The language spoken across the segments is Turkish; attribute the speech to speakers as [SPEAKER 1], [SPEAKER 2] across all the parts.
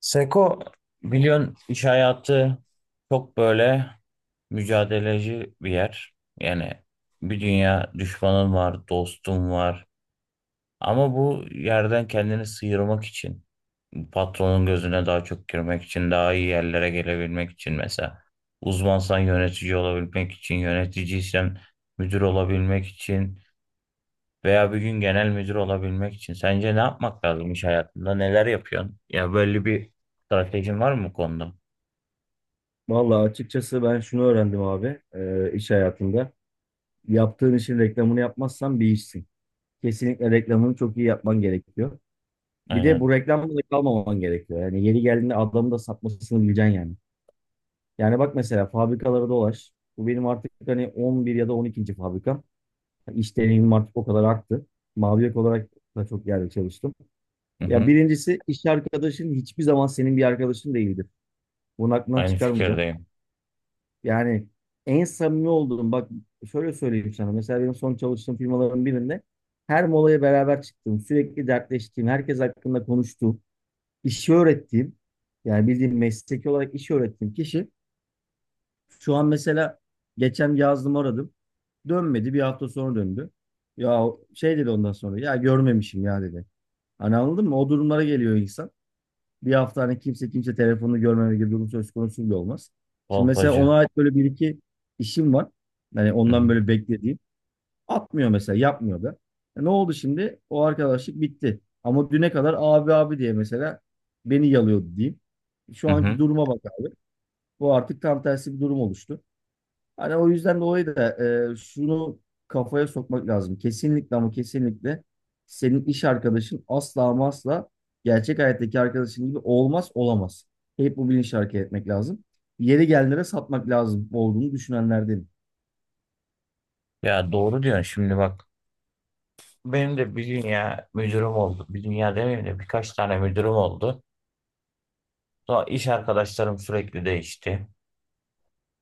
[SPEAKER 1] Seko biliyorsun iş hayatı çok böyle mücadeleci bir yer. Yani bir dünya düşmanın var, dostun var. Ama bu yerden kendini sıyırmak için, patronun gözüne daha çok girmek için, daha iyi yerlere gelebilmek için mesela. Uzmansan yönetici olabilmek için, yöneticiysen müdür olabilmek için veya bir gün genel müdür olabilmek için. Sence ne yapmak lazım iş hayatında? Neler yapıyorsun? Ya böyle bir stratejin var mı bu konuda?
[SPEAKER 2] Vallahi açıkçası ben şunu öğrendim abi iş hayatında. Yaptığın işin reklamını yapmazsan bir işsin. Kesinlikle reklamını çok iyi yapman gerekiyor. Bir de bu
[SPEAKER 1] Aynen.
[SPEAKER 2] reklamda da kalmaman gerekiyor. Yani yeri geldiğinde adamı da satmasını bileceksin yani. Yani bak mesela fabrikalara dolaş. Bu benim artık hani 11 ya da 12. fabrikam. İş deneyimim artık o kadar arttı. Mavi yaka olarak da çok yerde çalıştım.
[SPEAKER 1] Hı
[SPEAKER 2] Ya
[SPEAKER 1] hı.
[SPEAKER 2] birincisi iş arkadaşın hiçbir zaman senin bir arkadaşın değildir. Bunu aklından
[SPEAKER 1] Aynı
[SPEAKER 2] çıkarmayacaksın.
[SPEAKER 1] fikirdeyim.
[SPEAKER 2] Yani en samimi olduğum bak şöyle söyleyeyim sana. Mesela benim son çalıştığım firmaların birinde her molaya beraber çıktığım, sürekli dertleştiğim, herkes hakkında konuştuğum, işi öğrettiğim, yani bildiğim mesleki olarak işi öğrettiğim kişi şu an mesela geçen yazdım aradım. Dönmedi. Bir hafta sonra döndü. Ya şey dedi ondan sonra ya görmemişim ya dedi. Hani anladın mı? O durumlara geliyor insan, bir hafta hani kimse telefonunu görmeme gibi durum söz konusu bile olmaz. Şimdi mesela ona
[SPEAKER 1] Kolpacı.
[SPEAKER 2] ait böyle bir iki işim var. Hani
[SPEAKER 1] Hı hı.
[SPEAKER 2] ondan böyle beklediğim. Atmıyor mesela, yapmıyor da. E ne oldu şimdi? O arkadaşlık bitti. Ama düne kadar abi abi diye mesela beni yalıyordu diyeyim. Şu
[SPEAKER 1] Hı
[SPEAKER 2] anki
[SPEAKER 1] hı.
[SPEAKER 2] duruma bak abi. Bu artık tam tersi bir durum oluştu. Hani o yüzden dolayı da şunu kafaya sokmak lazım. Kesinlikle ama kesinlikle senin iş arkadaşın asla ama asla gerçek hayattaki arkadaşın gibi olmaz, olamaz. Hep bu bilinçle hareket etmek lazım. Yeri gelenlere satmak lazım olduğunu düşünenlerden.
[SPEAKER 1] Ya doğru diyorsun şimdi bak. Benim de bir dünya müdürüm oldu. Bir dünya demeyeyim de birkaç tane müdürüm oldu. Sonra iş arkadaşlarım sürekli değişti.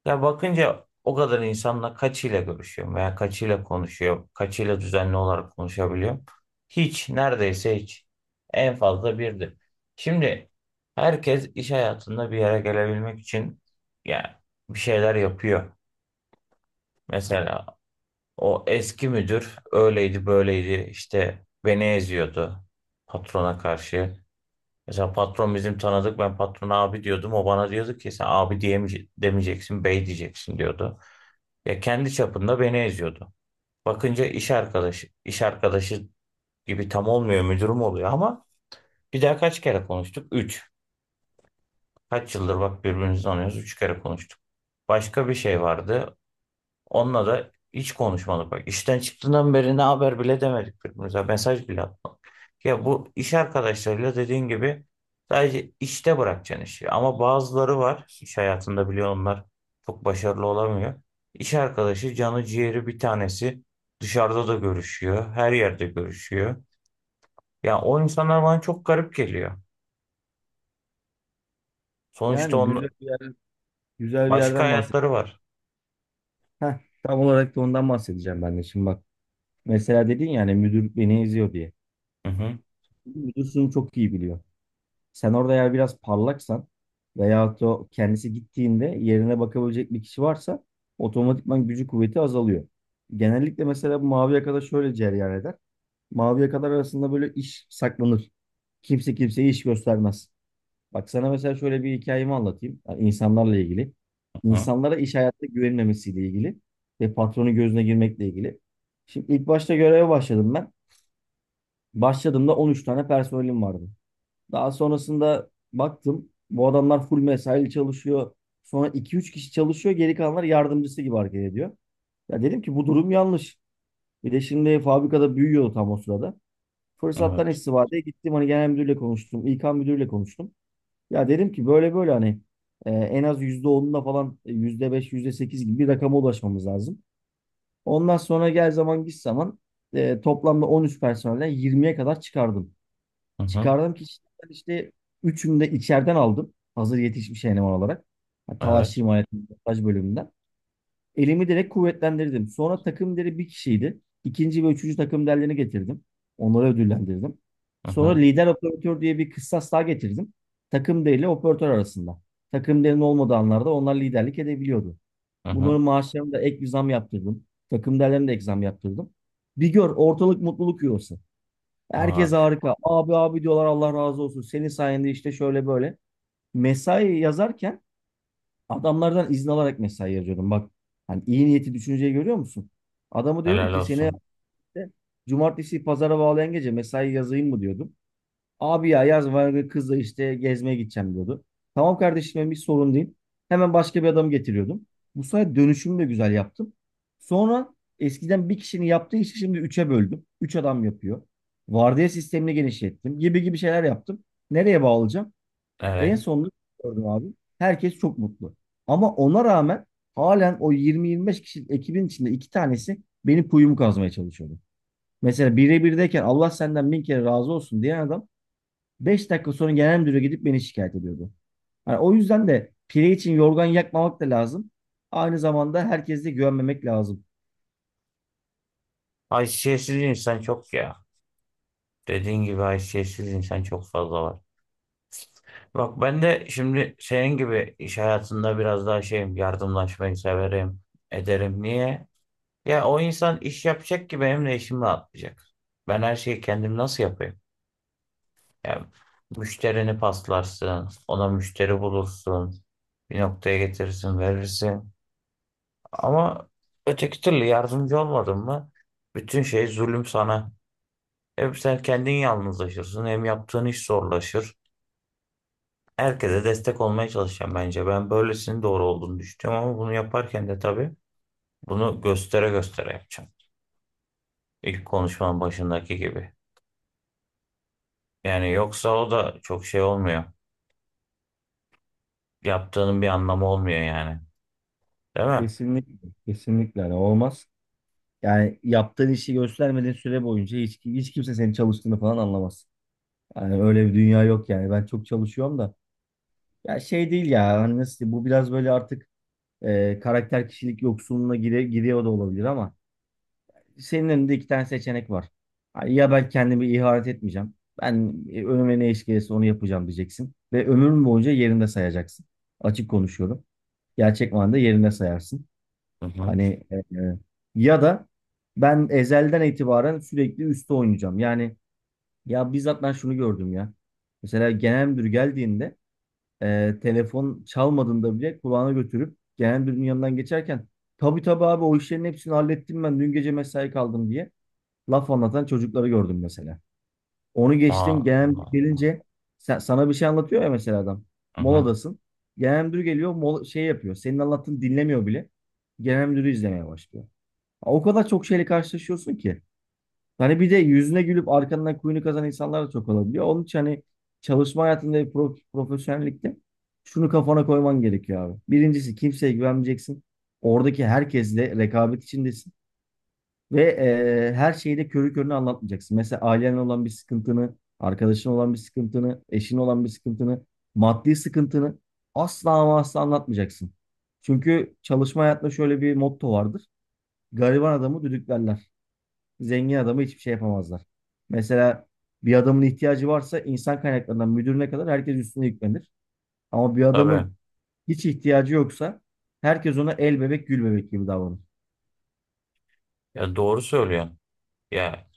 [SPEAKER 1] Ya bakınca o kadar insanla kaçıyla görüşüyorum veya kaçıyla konuşuyorum. Kaçıyla düzenli olarak konuşabiliyorum. Hiç, neredeyse hiç. En fazla birdir. Şimdi herkes iş hayatında bir yere gelebilmek için ya bir şeyler yapıyor. Mesela o eski müdür öyleydi böyleydi işte beni eziyordu patrona karşı. Mesela patron bizim tanıdık, ben patrona abi diyordum, o bana diyordu ki sen abi diyemeyeceksin, demeyeceksin, bey diyeceksin diyordu. Ya kendi çapında beni eziyordu. Bakınca iş arkadaşı gibi tam olmuyor, müdürüm oluyor ama bir daha kaç kere konuştuk? Üç. Kaç yıldır bak birbirimizi tanıyoruz, üç kere konuştuk. Başka bir şey vardı. Onunla da hiç konuşmadık. Bak işten çıktığından beri ne haber bile demedik birbirimize. Mesaj bile atmadık. Ya bu iş arkadaşlarıyla dediğin gibi sadece işte bırakacaksın işi. Ama bazıları var iş hayatında, biliyor onlar çok başarılı olamıyor. İş arkadaşı canı ciğeri bir tanesi, dışarıda da görüşüyor. Her yerde görüşüyor. Ya o insanlar bana çok garip geliyor. Sonuçta
[SPEAKER 2] Yani güzel
[SPEAKER 1] onun
[SPEAKER 2] bir yer, güzel bir
[SPEAKER 1] başka
[SPEAKER 2] yerden
[SPEAKER 1] hayatları
[SPEAKER 2] bahsediyorsun.
[SPEAKER 1] var.
[SPEAKER 2] Heh, tam olarak da ondan bahsedeceğim ben de şimdi bak. Mesela dedin yani müdür beni eziyor diye.
[SPEAKER 1] Hı hı,
[SPEAKER 2] Müdür şunu çok iyi biliyor. Sen orada eğer biraz parlaksan veyahut da o kendisi gittiğinde yerine bakabilecek bir kişi varsa otomatikman gücü kuvveti azalıyor. Genellikle mesela bu mavi yakada şöyle cereyan eder. Mavi yakalar arasında böyle iş saklanır. Kimse kimseye iş göstermez. Bak sana mesela şöyle bir hikayemi anlatayım. Yani insanlarla ilgili.
[SPEAKER 1] hı hı,
[SPEAKER 2] İnsanlara iş hayatta güvenilmemesiyle ilgili ve patronun gözüne girmekle ilgili. Şimdi ilk başta göreve başladım ben. Başladığımda 13 tane personelim vardı. Daha sonrasında baktım, bu adamlar full mesaili çalışıyor. Sonra iki üç kişi çalışıyor, geri kalanlar yardımcısı gibi hareket ediyor. Ya dedim ki bu durum yanlış. Bir de şimdi fabrikada büyüyordu tam o sırada. Fırsattan
[SPEAKER 1] evet.
[SPEAKER 2] istifadeye gittim, hani genel müdürle konuştum. İK müdürle konuştum. Ya dedim ki böyle böyle hani en az %10'unda falan, %5 %8 gibi bir rakama ulaşmamız lazım. Ondan sonra gel zaman git zaman, toplamda 13 personelden 20'ye kadar çıkardım.
[SPEAKER 1] Hı hı,
[SPEAKER 2] Çıkardım ki işte, ben işte üçünü de içeriden aldım. Hazır yetişmiş eleman olarak. Yani Talaş
[SPEAKER 1] evet.
[SPEAKER 2] himayetinin montaj bölümünden. Elimi direkt kuvvetlendirdim. Sonra takım deri bir kişiydi. İkinci ve üçüncü takım derlerini getirdim. Onları ödüllendirdim.
[SPEAKER 1] Hı hı,
[SPEAKER 2] Sonra lider operatör diye bir kıssas daha getirdim. Takım deri ile operatör arasında. Takım derinin olmadığı anlarda onlar liderlik edebiliyordu.
[SPEAKER 1] hı hı.
[SPEAKER 2] Bunların maaşlarını da ek bir zam yaptırdım. Takım derlerine de ek zam yaptırdım. Bir gör, ortalık mutluluk yuvası.
[SPEAKER 1] Aa,
[SPEAKER 2] Herkes harika. Abi abi diyorlar, Allah razı olsun. Senin sayende işte şöyle böyle. Mesai yazarken adamlardan izin alarak mesai yazıyordum. Bak hani iyi niyeti, düşünceyi görüyor musun? Adamı diyordum
[SPEAKER 1] helal
[SPEAKER 2] ki seni
[SPEAKER 1] olsun.
[SPEAKER 2] işte cumartesi pazara bağlayan gece mesai yazayım mı diyordum. Abi ya yaz var, kızla işte gezmeye gideceğim diyordu. Tamam kardeşim, benim bir sorun değil. Hemen başka bir adam getiriyordum. Bu sayede dönüşümü de güzel yaptım. Sonra eskiden bir kişinin yaptığı işi şimdi üçe böldüm. Üç adam yapıyor. Vardiya sistemini genişlettim. Gibi gibi şeyler yaptım. Nereye bağlayacağım? En
[SPEAKER 1] Evet.
[SPEAKER 2] sonunda gördüm abi. Herkes çok mutlu. Ama ona rağmen halen o 20-25 kişilik ekibin içinde iki tanesi benim kuyumu kazmaya çalışıyordu. Mesela birebirdeyken Allah senden bin kere razı olsun diyen adam 5 dakika sonra genel müdüre gidip beni şikayet ediyordu. Hani o yüzden de pire için yorgan yakmamak da lazım. Aynı zamanda herkese güvenmemek lazım.
[SPEAKER 1] Haysiyetsiz insan çok ya. Dediğin gibi haysiyetsiz insan çok fazla var. Bak ben de şimdi senin gibi iş hayatında biraz daha şeyim, yardımlaşmayı severim, ederim. Niye? Ya o insan iş yapacak ki benim de işim rahatlayacak. Ben her şeyi kendim nasıl yapayım? Ya müşterini paslarsın, ona müşteri bulursun, bir noktaya getirirsin, verirsin. Ama öteki türlü yardımcı olmadın mı? Bütün şey zulüm sana. Hep sen kendin yalnızlaşırsın. Hem yaptığın iş zorlaşır. Herkese destek olmaya çalışacağım bence. Ben böylesinin doğru olduğunu düşünüyorum, ama bunu yaparken de tabii bunu göstere göstere yapacağım. İlk konuşmanın başındaki gibi. Yani yoksa o da çok şey olmuyor. Yaptığının bir anlamı olmuyor yani. Değil mi?
[SPEAKER 2] Kesinlikle, kesinlikle hani olmaz. Yani yaptığın işi göstermediğin süre boyunca hiç kimse senin çalıştığını falan anlamaz. Yani öyle bir dünya yok yani. Ben çok çalışıyorum da. Ya şey değil ya. Hani nasıl diyeyim, bu biraz böyle artık karakter kişilik yoksunluğuna giriyor da olabilir ama senin önünde iki tane seçenek var. Ha, ya ben kendimi ihanet etmeyeceğim. Ben önüme ne iş gelirse onu yapacağım diyeceksin. Ve ömrün boyunca yerinde sayacaksın. Açık konuşuyorum. Gerçek manada yerinde sayarsın.
[SPEAKER 1] Hı hı.
[SPEAKER 2] Hani e, e, ya da ben ezelden itibaren sürekli üstte oynayacağım. Yani ya bizzat ben şunu gördüm ya. Mesela genel müdür geldiğinde telefon çalmadığında bile kulağına götürüp genel müdürün yanından geçerken tabii tabii abi o işlerin hepsini hallettim ben dün gece mesai kaldım diye laf anlatan çocukları gördüm mesela. Onu geçtim,
[SPEAKER 1] Aa,
[SPEAKER 2] genel müdür
[SPEAKER 1] Allah Allah.
[SPEAKER 2] gelince sana bir şey anlatıyor ya mesela adam.
[SPEAKER 1] Hı hı.
[SPEAKER 2] Moladasın. Genel müdür geliyor, mola, şey yapıyor. Senin anlattığını dinlemiyor bile. Genel müdürü izlemeye başlıyor. O kadar çok şeyle karşılaşıyorsun ki. Hani bir de yüzüne gülüp arkandan kuyunu kazan insanlar da çok olabiliyor. Onun için hani çalışma hayatında bir profesyonellikte şunu kafana koyman gerekiyor abi. Birincisi, kimseye güvenmeyeceksin. Oradaki herkesle rekabet içindesin. Ve her şeyi de körü körüne anlatmayacaksın. Mesela ailenle olan bir sıkıntını, arkadaşın olan bir sıkıntını, eşin olan bir sıkıntını, maddi sıkıntını asla ama asla anlatmayacaksın. Çünkü çalışma hayatında şöyle bir motto vardır. Gariban adamı düdüklerler. Zengin adamı hiçbir şey yapamazlar. Mesela bir adamın ihtiyacı varsa insan kaynaklarından müdürüne kadar herkes üstüne yüklenir. Ama bir
[SPEAKER 1] Tabii.
[SPEAKER 2] adamın hiç ihtiyacı yoksa herkes ona el bebek gül bebek gibi davranır.
[SPEAKER 1] Ya doğru söylüyorsun. Ya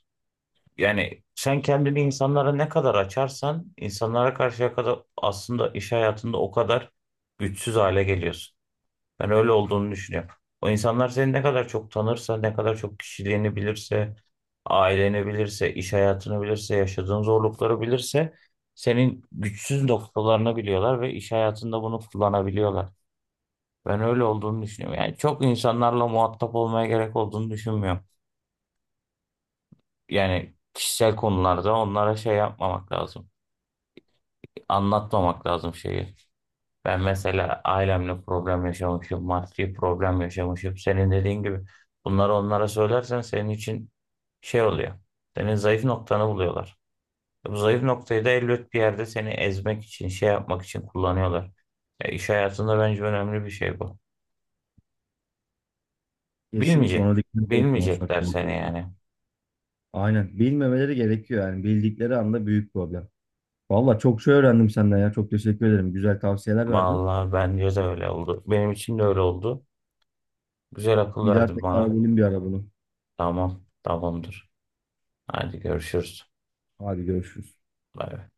[SPEAKER 1] yani sen kendini insanlara ne kadar açarsan, insanlara karşıya kadar aslında iş hayatında o kadar güçsüz hale geliyorsun. Ben öyle olduğunu düşünüyorum. O insanlar seni ne kadar çok tanırsa, ne kadar çok kişiliğini bilirse, aileni bilirse, iş hayatını bilirse, yaşadığın zorlukları bilirse senin güçsüz noktalarını biliyorlar ve iş hayatında bunu kullanabiliyorlar. Ben öyle olduğunu düşünüyorum. Yani çok insanlarla muhatap olmaya gerek olduğunu düşünmüyorum. Yani kişisel konularda onlara şey yapmamak lazım, anlatmamak lazım şeyi. Ben mesela ailemle problem yaşamışım, maddi problem yaşamışım. Senin dediğin gibi bunları onlara söylersen senin için şey oluyor. Senin zayıf noktanı buluyorlar. E, bu zayıf noktayı da elbet bir yerde seni ezmek için, şey yapmak için kullanıyorlar. E, iş hayatında bence önemli bir şey bu.
[SPEAKER 2] Kesinlikle
[SPEAKER 1] Bilmeyecek.
[SPEAKER 2] ona dikkat ederek konuşmak
[SPEAKER 1] Bilmeyecekler seni
[SPEAKER 2] gerekiyor.
[SPEAKER 1] yani.
[SPEAKER 2] Aynen. Bilmemeleri gerekiyor yani. Bildikleri anda büyük problem. Valla çok şey öğrendim senden ya. Çok teşekkür ederim. Güzel tavsiyeler verdin.
[SPEAKER 1] Vallahi bence de öyle oldu. Benim için de öyle oldu. Güzel akıl
[SPEAKER 2] Bir daha
[SPEAKER 1] verdin
[SPEAKER 2] tekrar
[SPEAKER 1] bana.
[SPEAKER 2] edelim bir ara bunu.
[SPEAKER 1] Tamam, tamamdır. Hadi görüşürüz.
[SPEAKER 2] Hadi görüşürüz.
[SPEAKER 1] Bay bay.